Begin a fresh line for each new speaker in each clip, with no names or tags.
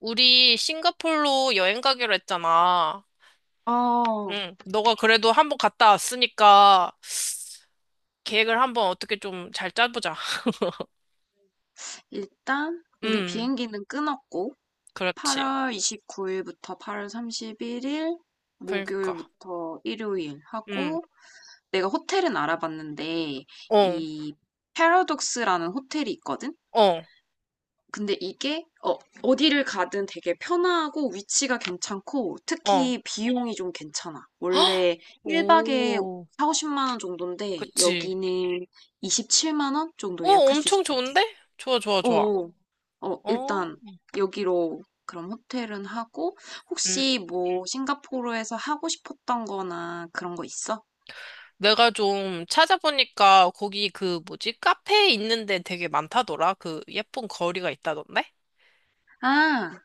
우리 싱가폴로 여행 가기로 했잖아.
어,
응, 너가 그래도 한번 갔다 왔으니까 계획을 한번 어떻게 좀 잘 짜보자.
일단 우리
응,
비행기는 끊었고
그렇지.
8월 29일부터 8월 31일,
그러니까,
목요일부터 일요일
응,
하고, 내가 호텔은 알아봤는데
어,
이 패러독스라는 호텔이 있거든?
어,
근데 이게 어디를 가든 되게 편하고 위치가 괜찮고
어.
특히 비용이 좀 괜찮아.
헉!
원래 1박에
오,
4, 50만 원 정도인데
그치.
여기는 27만 원
어,
정도 예약할 수
엄청
있을 것 같아.
좋은데? 좋아, 좋아, 좋아.
어어. 어, 어,
어,
일단 여기로 그럼 호텔은 하고,
음.
혹시 뭐 싱가포르에서 하고 싶었던 거나 그런 거 있어?
내가 좀 찾아보니까 거기 그 뭐지? 카페 있는데 되게 많다더라. 그 예쁜 거리가 있다던데?
아,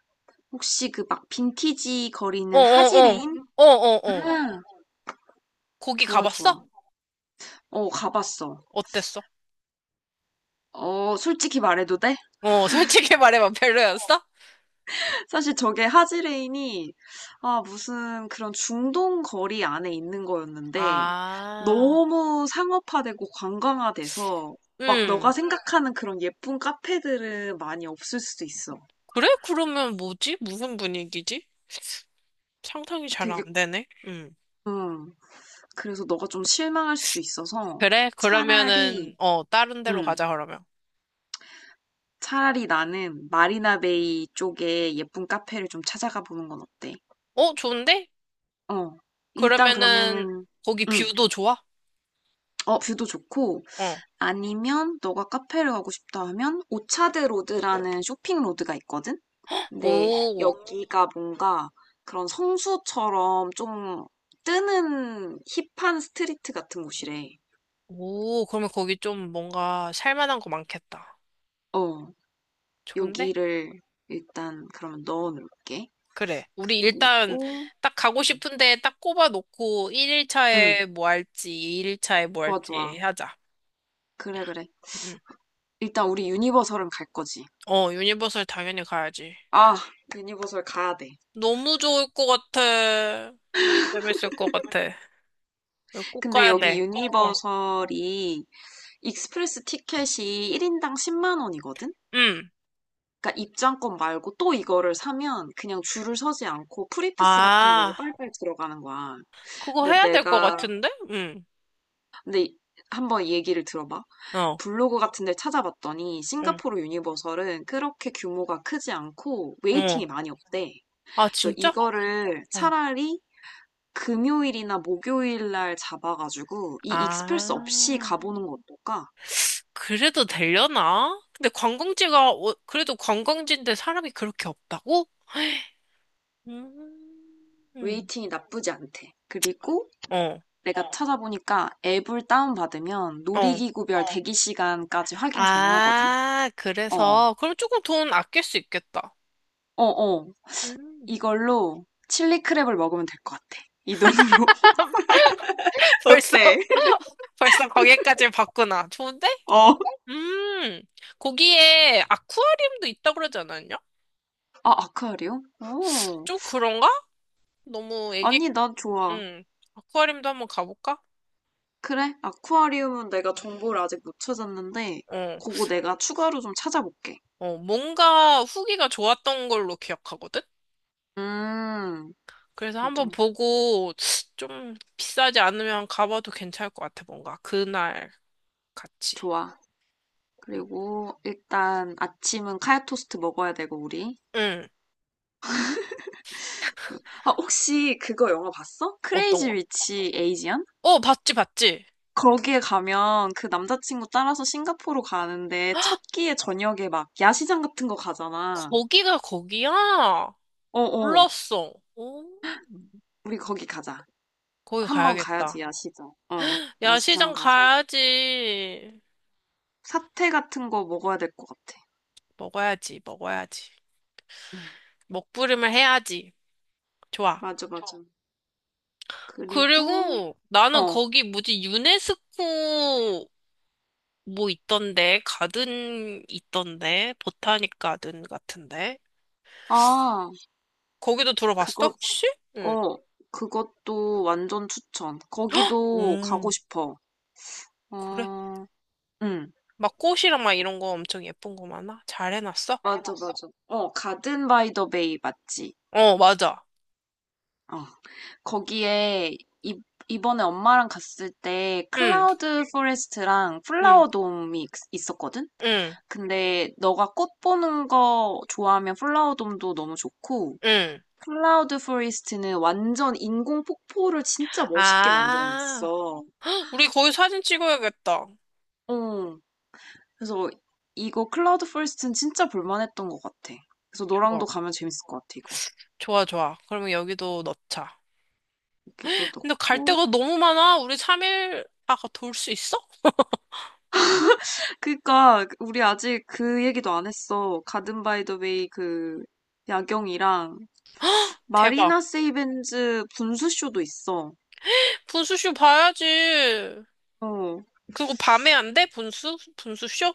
혹시 그 막 빈티지 거리
어,
있는
어, 어,
하지레인?
어, 어, 어.
아,
거기
좋아
가봤어?
좋아. 어, 가봤어.
어땠어?
어, 솔직히 말해도 돼?
어, 솔직히 말해봐. 별로였어?
사실 저게 하지레인이, 아, 무슨 그런 중동 거리 안에 있는 거였는데
아,
너무 상업화되고 관광화돼서 막 너가
음.
생각하는 그런 예쁜 카페들은 많이 없을 수도 있어.
그래? 그러면 뭐지? 무슨 분위기지? 상상이 잘
되게
안 되네. 음.
음. 그래서 너가 좀 실망할 수도 있어서
그래?
차라리
그러면은, 어, 다른 데로
음.
가자, 그러면.
차라리 나는 마리나베이 쪽에 예쁜 카페를 좀 찾아가 보는 건 어때?
어, 좋은데?
어. 일단
그러면은,
그러면은
거기
음.
뷰도 좋아?
어, 뷰도 좋고
어.
아니면 너가 카페를 가고 싶다 하면 오차드 로드라는 쇼핑 로드가 있거든? 근데
오,
여기가 뭔가 그런 성수처럼 좀 뜨는 힙한 스트리트 같은 곳이래.
오, 그러면 거기 좀 뭔가 살만한 거 많겠다.
어,
좋은데?
여기를 일단 그러면 넣어 놓을게.
그래. 우리 일단
그리고
딱 가고 싶은데 딱 꼽아놓고
응,
1일차에 뭐 할지, 2일차에 뭐
좋아,
할지
좋아.
하자.
그래, 그래.
음.
일단 우리 유니버설은 갈 거지.
어, 유니버설 당연히 가야지.
아, 유니버설 가야 돼.
너무 좋을 것 같아. 너무 재밌을 것 같아. 이거 꼭
근데
가야
여기
돼. 어,
유니버설이 익스프레스 티켓이 1인당 10만 원이거든?
응.
그러니까 입장권 말고 또 이거를 사면 그냥 줄을 서지 않고 프리패스 같은 걸로
아,
빨빨 들어가는 거야.
그거
근데
해야 될 것
내가
같은데? 응.
근데 한번 얘기를 들어봐.
어,
블로그 같은 데 찾아봤더니
응,
싱가포르 유니버설은 그렇게 규모가 크지 않고
어.
웨이팅이 많이 없대.
아,
그래서
진짜?
이거를
어.
차라리 금요일이나 목요일 날 잡아가지고 이 익스프레스 없이
아,
가보는 거 어떨까?
그래도 되려나? 근데 관광지가, 어, 그래도 관광지인데 사람이 그렇게 없다고? 음,
웨이팅이 나쁘지 않대. 그리고
어,
내가 찾아보니까 앱을 다운받으면
어.
놀이기구별 대기 시간까지 확인 가능하거든? 음.
아,
어,
그래서, 그럼 조금 돈 아낄 수 있겠다.
어, 어.
음.
이걸로 칠리크랩을 먹으면 될 것 같아. 이 돈으로.
벌써?
어때?
벌써 거기까지 봤구나. 좋은데?
어.
음, 거기에 아쿠아리움도 있다고 그러지 않았냐?
아, 아쿠아리움? 오.
좀 그런가? 너무 애기,
아니, 난 좋아.
음, 아쿠아리움도 한번 가볼까?
그래, 아쿠아리움은 내가 정보를 아직 못 찾았는데,
어,
그거 내가 추가로 좀 찾아볼게.
어, 뭔가 후기가 좋았던 걸로 기억하거든?
음,
그래서
어,
한번
좀,
보고 좀 비싸지 않으면 가봐도 괜찮을 것 같아, 뭔가. 그날 같이.
좋아.
음,
그리고 일단 아침은 카야 토스트 먹어야 되고, 우리.
음,
아, 혹시 그거 영화 봤어?
어떤
크레이지
거?
위치 에이지안.
어, 봤지, 봤지.
거기에 가면 그 남자친구 따라서 싱가포르 가는데 첫 끼에 저녁에 막 야시장 같은 거 가잖아.
거기가 거기야?
어어,
몰랐어. 오.
우리 거기 가자.
거기
한번 가야지,
가야겠다.
야시장. 어,
야,
야시장
시장
가서
가야지.
사태 같은 거 먹어야 될 것 같아.
먹어야지, 먹어야지.
응,
먹부림을 해야지. 좋아.
맞아, 맞아. 그리고,
그리고 나는
어,
거기 뭐지, 유네스코 뭐 있던데, 가든 있던데, 보타닉 가든 같은데.
아,
거기도 들어봤어,
그거,
혹시? 응.
어, 그것도 완전 추천. 거기도 가고
음,
싶어.
그래?
어, 응.
막 꽃이랑 막 이런 거 엄청 예쁜 거 많아? 잘 해놨어?
맞아, 해봤어? 맞아. 어, 가든 바이 더 베이 맞지?
어, 맞아.
어. 거기에 이, 이번에 엄마랑 갔을 때
응,
클라우드 포레스트랑
응,
플라워 돔이 있었거든?
응,
근데 너가 꽃 보는 거 좋아하면 플라워 돔도 너무 좋고
응.
클라우드 포레스트는 완전 인공 폭포를 진짜 멋있게
아,
만들어놨어.
헉, 우리 거기 사진 찍어야겠다.
어. 그래서 이거 클라우드 포레스트는 진짜 볼만했던 것 같아. 그래서 너랑도
좋아.
가면 재밌을 것 같아, 이거.
좋아, 좋아. 그러면 여기도 넣자.
여기도
근데 갈 데가
넣고
너무 많아. 우리 3일 아까 돌 수 있어?
그니까 우리 아직 그 얘기도 안 했어. 가든 바이 더 웨이 그 야경이랑
대박.
마리나 세이벤즈 분수쇼도 있어.
분수쇼 봐야지.
어,
그거 밤에 안 돼? 분수? 분수쇼?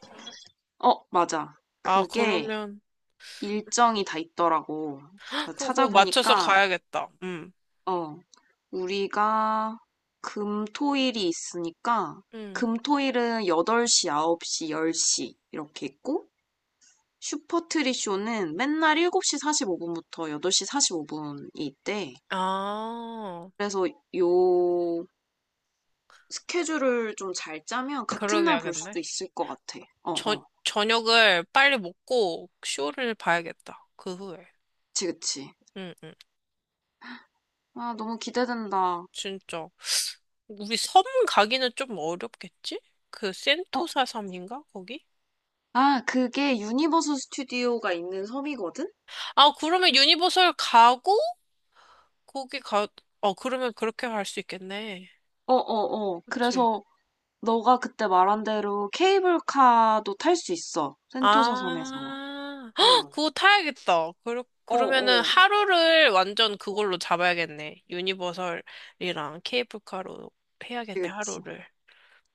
어, 맞아.
아,
그게
그러면.
일정이 다 있더라고. 그래서
그럼 그거 맞춰서
찾아보니까
가야겠다. 응.
어, 우리가 금, 토, 일이 있으니까
응.
금, 토, 일은 8시, 9시, 10시 이렇게 있고 슈퍼트리 쇼는 맨날 7시 45분부터 8시 45분이 있대.
아,
그래서 요 스케줄을 좀 잘 짜면 같은 날 볼
그러게야겠네.
수도 있을 것 같아. 어,
저,
어.
저녁을 빨리 먹고 쇼를 봐야겠다. 그 후에.
그치, 그치.
응, 응.
아, 너무 기대된다.
진짜. 우리 섬 가기는 좀 어렵겠지? 그
어,
센토사 섬인가? 거기?
아, 그게 유니버스 스튜디오가 있는 섬이거든?
아, 그러면 유니버설 가고, 거기 가, 어, 그러면 그렇게 갈 수 있겠네.
어, 어, 어.
그치?
그래서 너가 그때 말한 대로 케이블카도 탈 수 있어, 센토사 섬에서.
아,
어,
헉, 그거 타야겠다. 그러,
어,
그러면은
어.
하루를 완전 그걸로 잡아야겠네. 유니버설이랑 케이블카로
그치,
해야겠네,
그치.
하루를.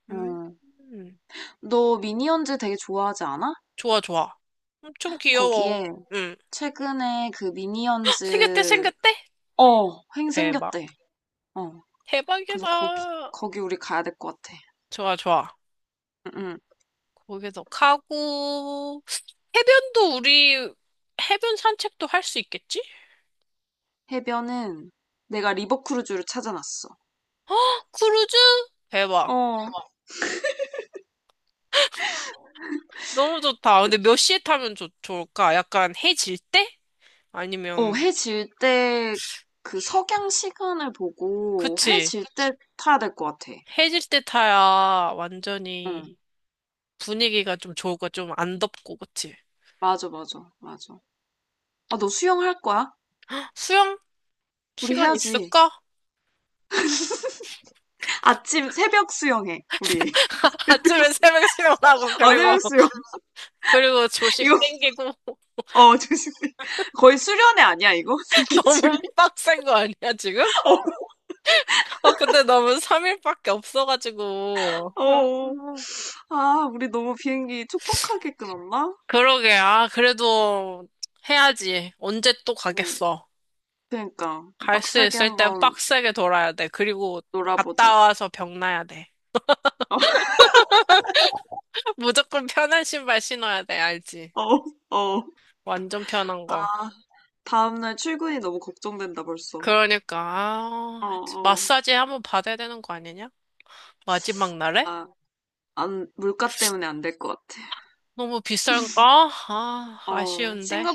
음,
음.
음.
너 미니언즈 되게 좋아하지 않아?
좋아, 좋아. 엄청 귀여워.
거기에
음.
최근에 그
헉, 생겼대,
미니언즈,
생겼대?
횡
대박.
생겼대. 어. 그래서
대박이다.
거기 우리 가야 될 것 같아.
좋아, 좋아.
응, 응.
거기서 가고, 해변도 우리 해변 산책도 할 수 있겠지?
해변은 내가 리버크루즈를 찾아놨어.
크루즈? 대박.
어,
너무 좋다.
그-
근데 몇 시에 타면 좋을까? 약간 해질 때? 아니면,
해 질 때 그 석양 시간을 보고 해
그치.
질 때 타야 될 것 같아.
해질 때 타야 완전히
응,
분위기가 좀 좋을까? 좀 안 덥고, 그치?
맞아, 맞아, 맞아. 아, 너 수영할 거야?
수영?
우리
시간
해야지.
있을까?
아침 새벽 수영해, 우리.
아침에 새벽 수영하고,
아,
그리고,
새벽 수영.
그리고 조식
이거,
땡기고,
조심해. 거의 수련회 아니야, 이거? 스 케줄
너무 빡센 거 아니야, 지금? 어, 근데 너무 3일밖에 없어가지고.
어,
어?
어. 아, 우리 너무 비행기 촉박하게 끊었나?
그러게. 아, 그래도 해야지. 언제 또
어.
가겠어.
그러니까
갈 수
빡세게
있을 때
한번
빡세게 돌아야 돼. 그리고 갔다
놀아보자.
와서 병나야 돼. 무조건 편한 신발 신어야 돼. 알지?
어, 어. 어.
완전 편한
아,
거.
다음날 출근이 너무 걱정된다 벌써.
그러니까,
어,
아,
어.
마사지 한번 받아야 되는 거 아니냐? 마지막 날에?
아, 안, 물가 때문에 안 될 것 같아.
너무 비싼가? 아,
어,
아쉬운데.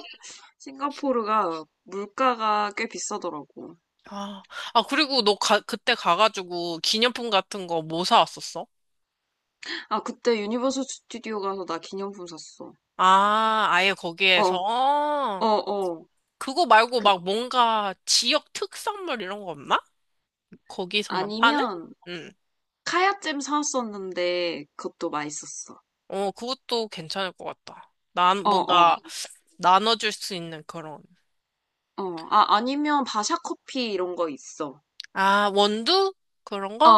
싱가포르가 물가가 꽤 비싸더라고.
아, 아, 그리고 너 가, 그때 가가지고 기념품 같은 거 뭐 사왔었어?
아, 그때 유니버설 스튜디오 가서 나 기념품 샀어.
아, 아예
어,
거기에서?
어,
어.
어.
그거 말고
그,
막 뭔가 지역 특산물 이런 거 없나? 거기서만 파는?
아니면
응.
카야잼 사왔었는데 그것도 맛있었어.
어, 그것도 괜찮을 것 같다. 난
어, 어,
뭔가 나눠줄 수 있는 그런.
어. 아, 아니면 바샤 커피 이런 거 있어.
아, 원두? 그런
어,
거?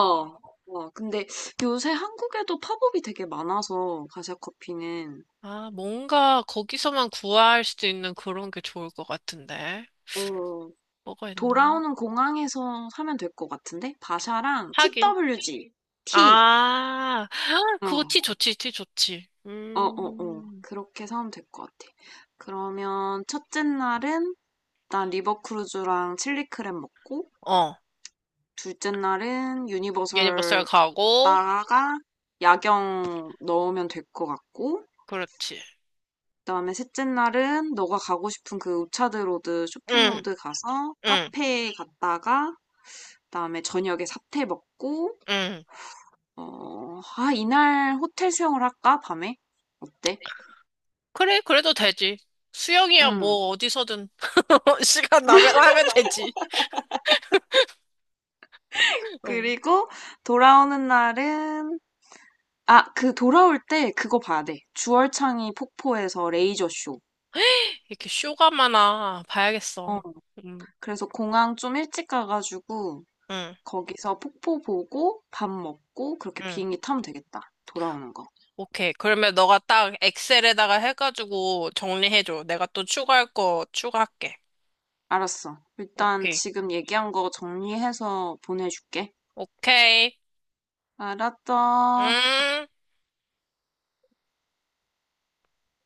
어, 근데 요새 한국에도 팝업이 되게 많아서 가샤 커피는
아, 뭔가 거기서만 구할 수 있는 그런 게 좋을 것 같은데.
어,
뭐가 있나?
돌아오는 공항에서 사면 될 것 같은데? 바샤랑
하긴.
TWG, T,
아,
어,
그거 티
어,
좋지, 티 좋지.
어, 어,
음.
그렇게 사면 될 것 같아. 그러면 첫째 날은 일단 리버크루즈랑 칠리크랩 먹고,
어,
둘째 날은
유니버설
유니버설
가고,
갔다가 야경 넣으면 될 것 같고,
그렇지.
그다음에 셋째 날은 너가 가고 싶은 그 우차드로드
응,
쇼핑로드 가서
응,
카페에 갔다가 그다음에 저녁에 사태 먹고
응.
어, 아, 이날 호텔 수영을 할까? 밤에? 어때?
그래, 그래도 되지. 수영이야,
응.
뭐, 어디서든. 시간 나면 하면 되지. 응.
그리고 돌아오는 날은, 아, 그 돌아올 때 그거 봐야 돼. 주얼창이 폭포에서 레이저 쇼.
이렇게 쇼가마나
어,
봐야겠어. 응,
그래서 공항 좀 일찍 가가지고
응,
거기서 폭포 보고 밥 먹고 그렇게
응.
비행기 타면 되겠다. 돌아오는 거.
오케이. 그러면 너가 딱 엑셀에다가 해가지고 정리해줘. 내가 또 추가할 거 추가할게.
알았어. 일단
오케이.
지금 얘기한 거 정리해서 보내줄게.
오케이.
알았어.
음.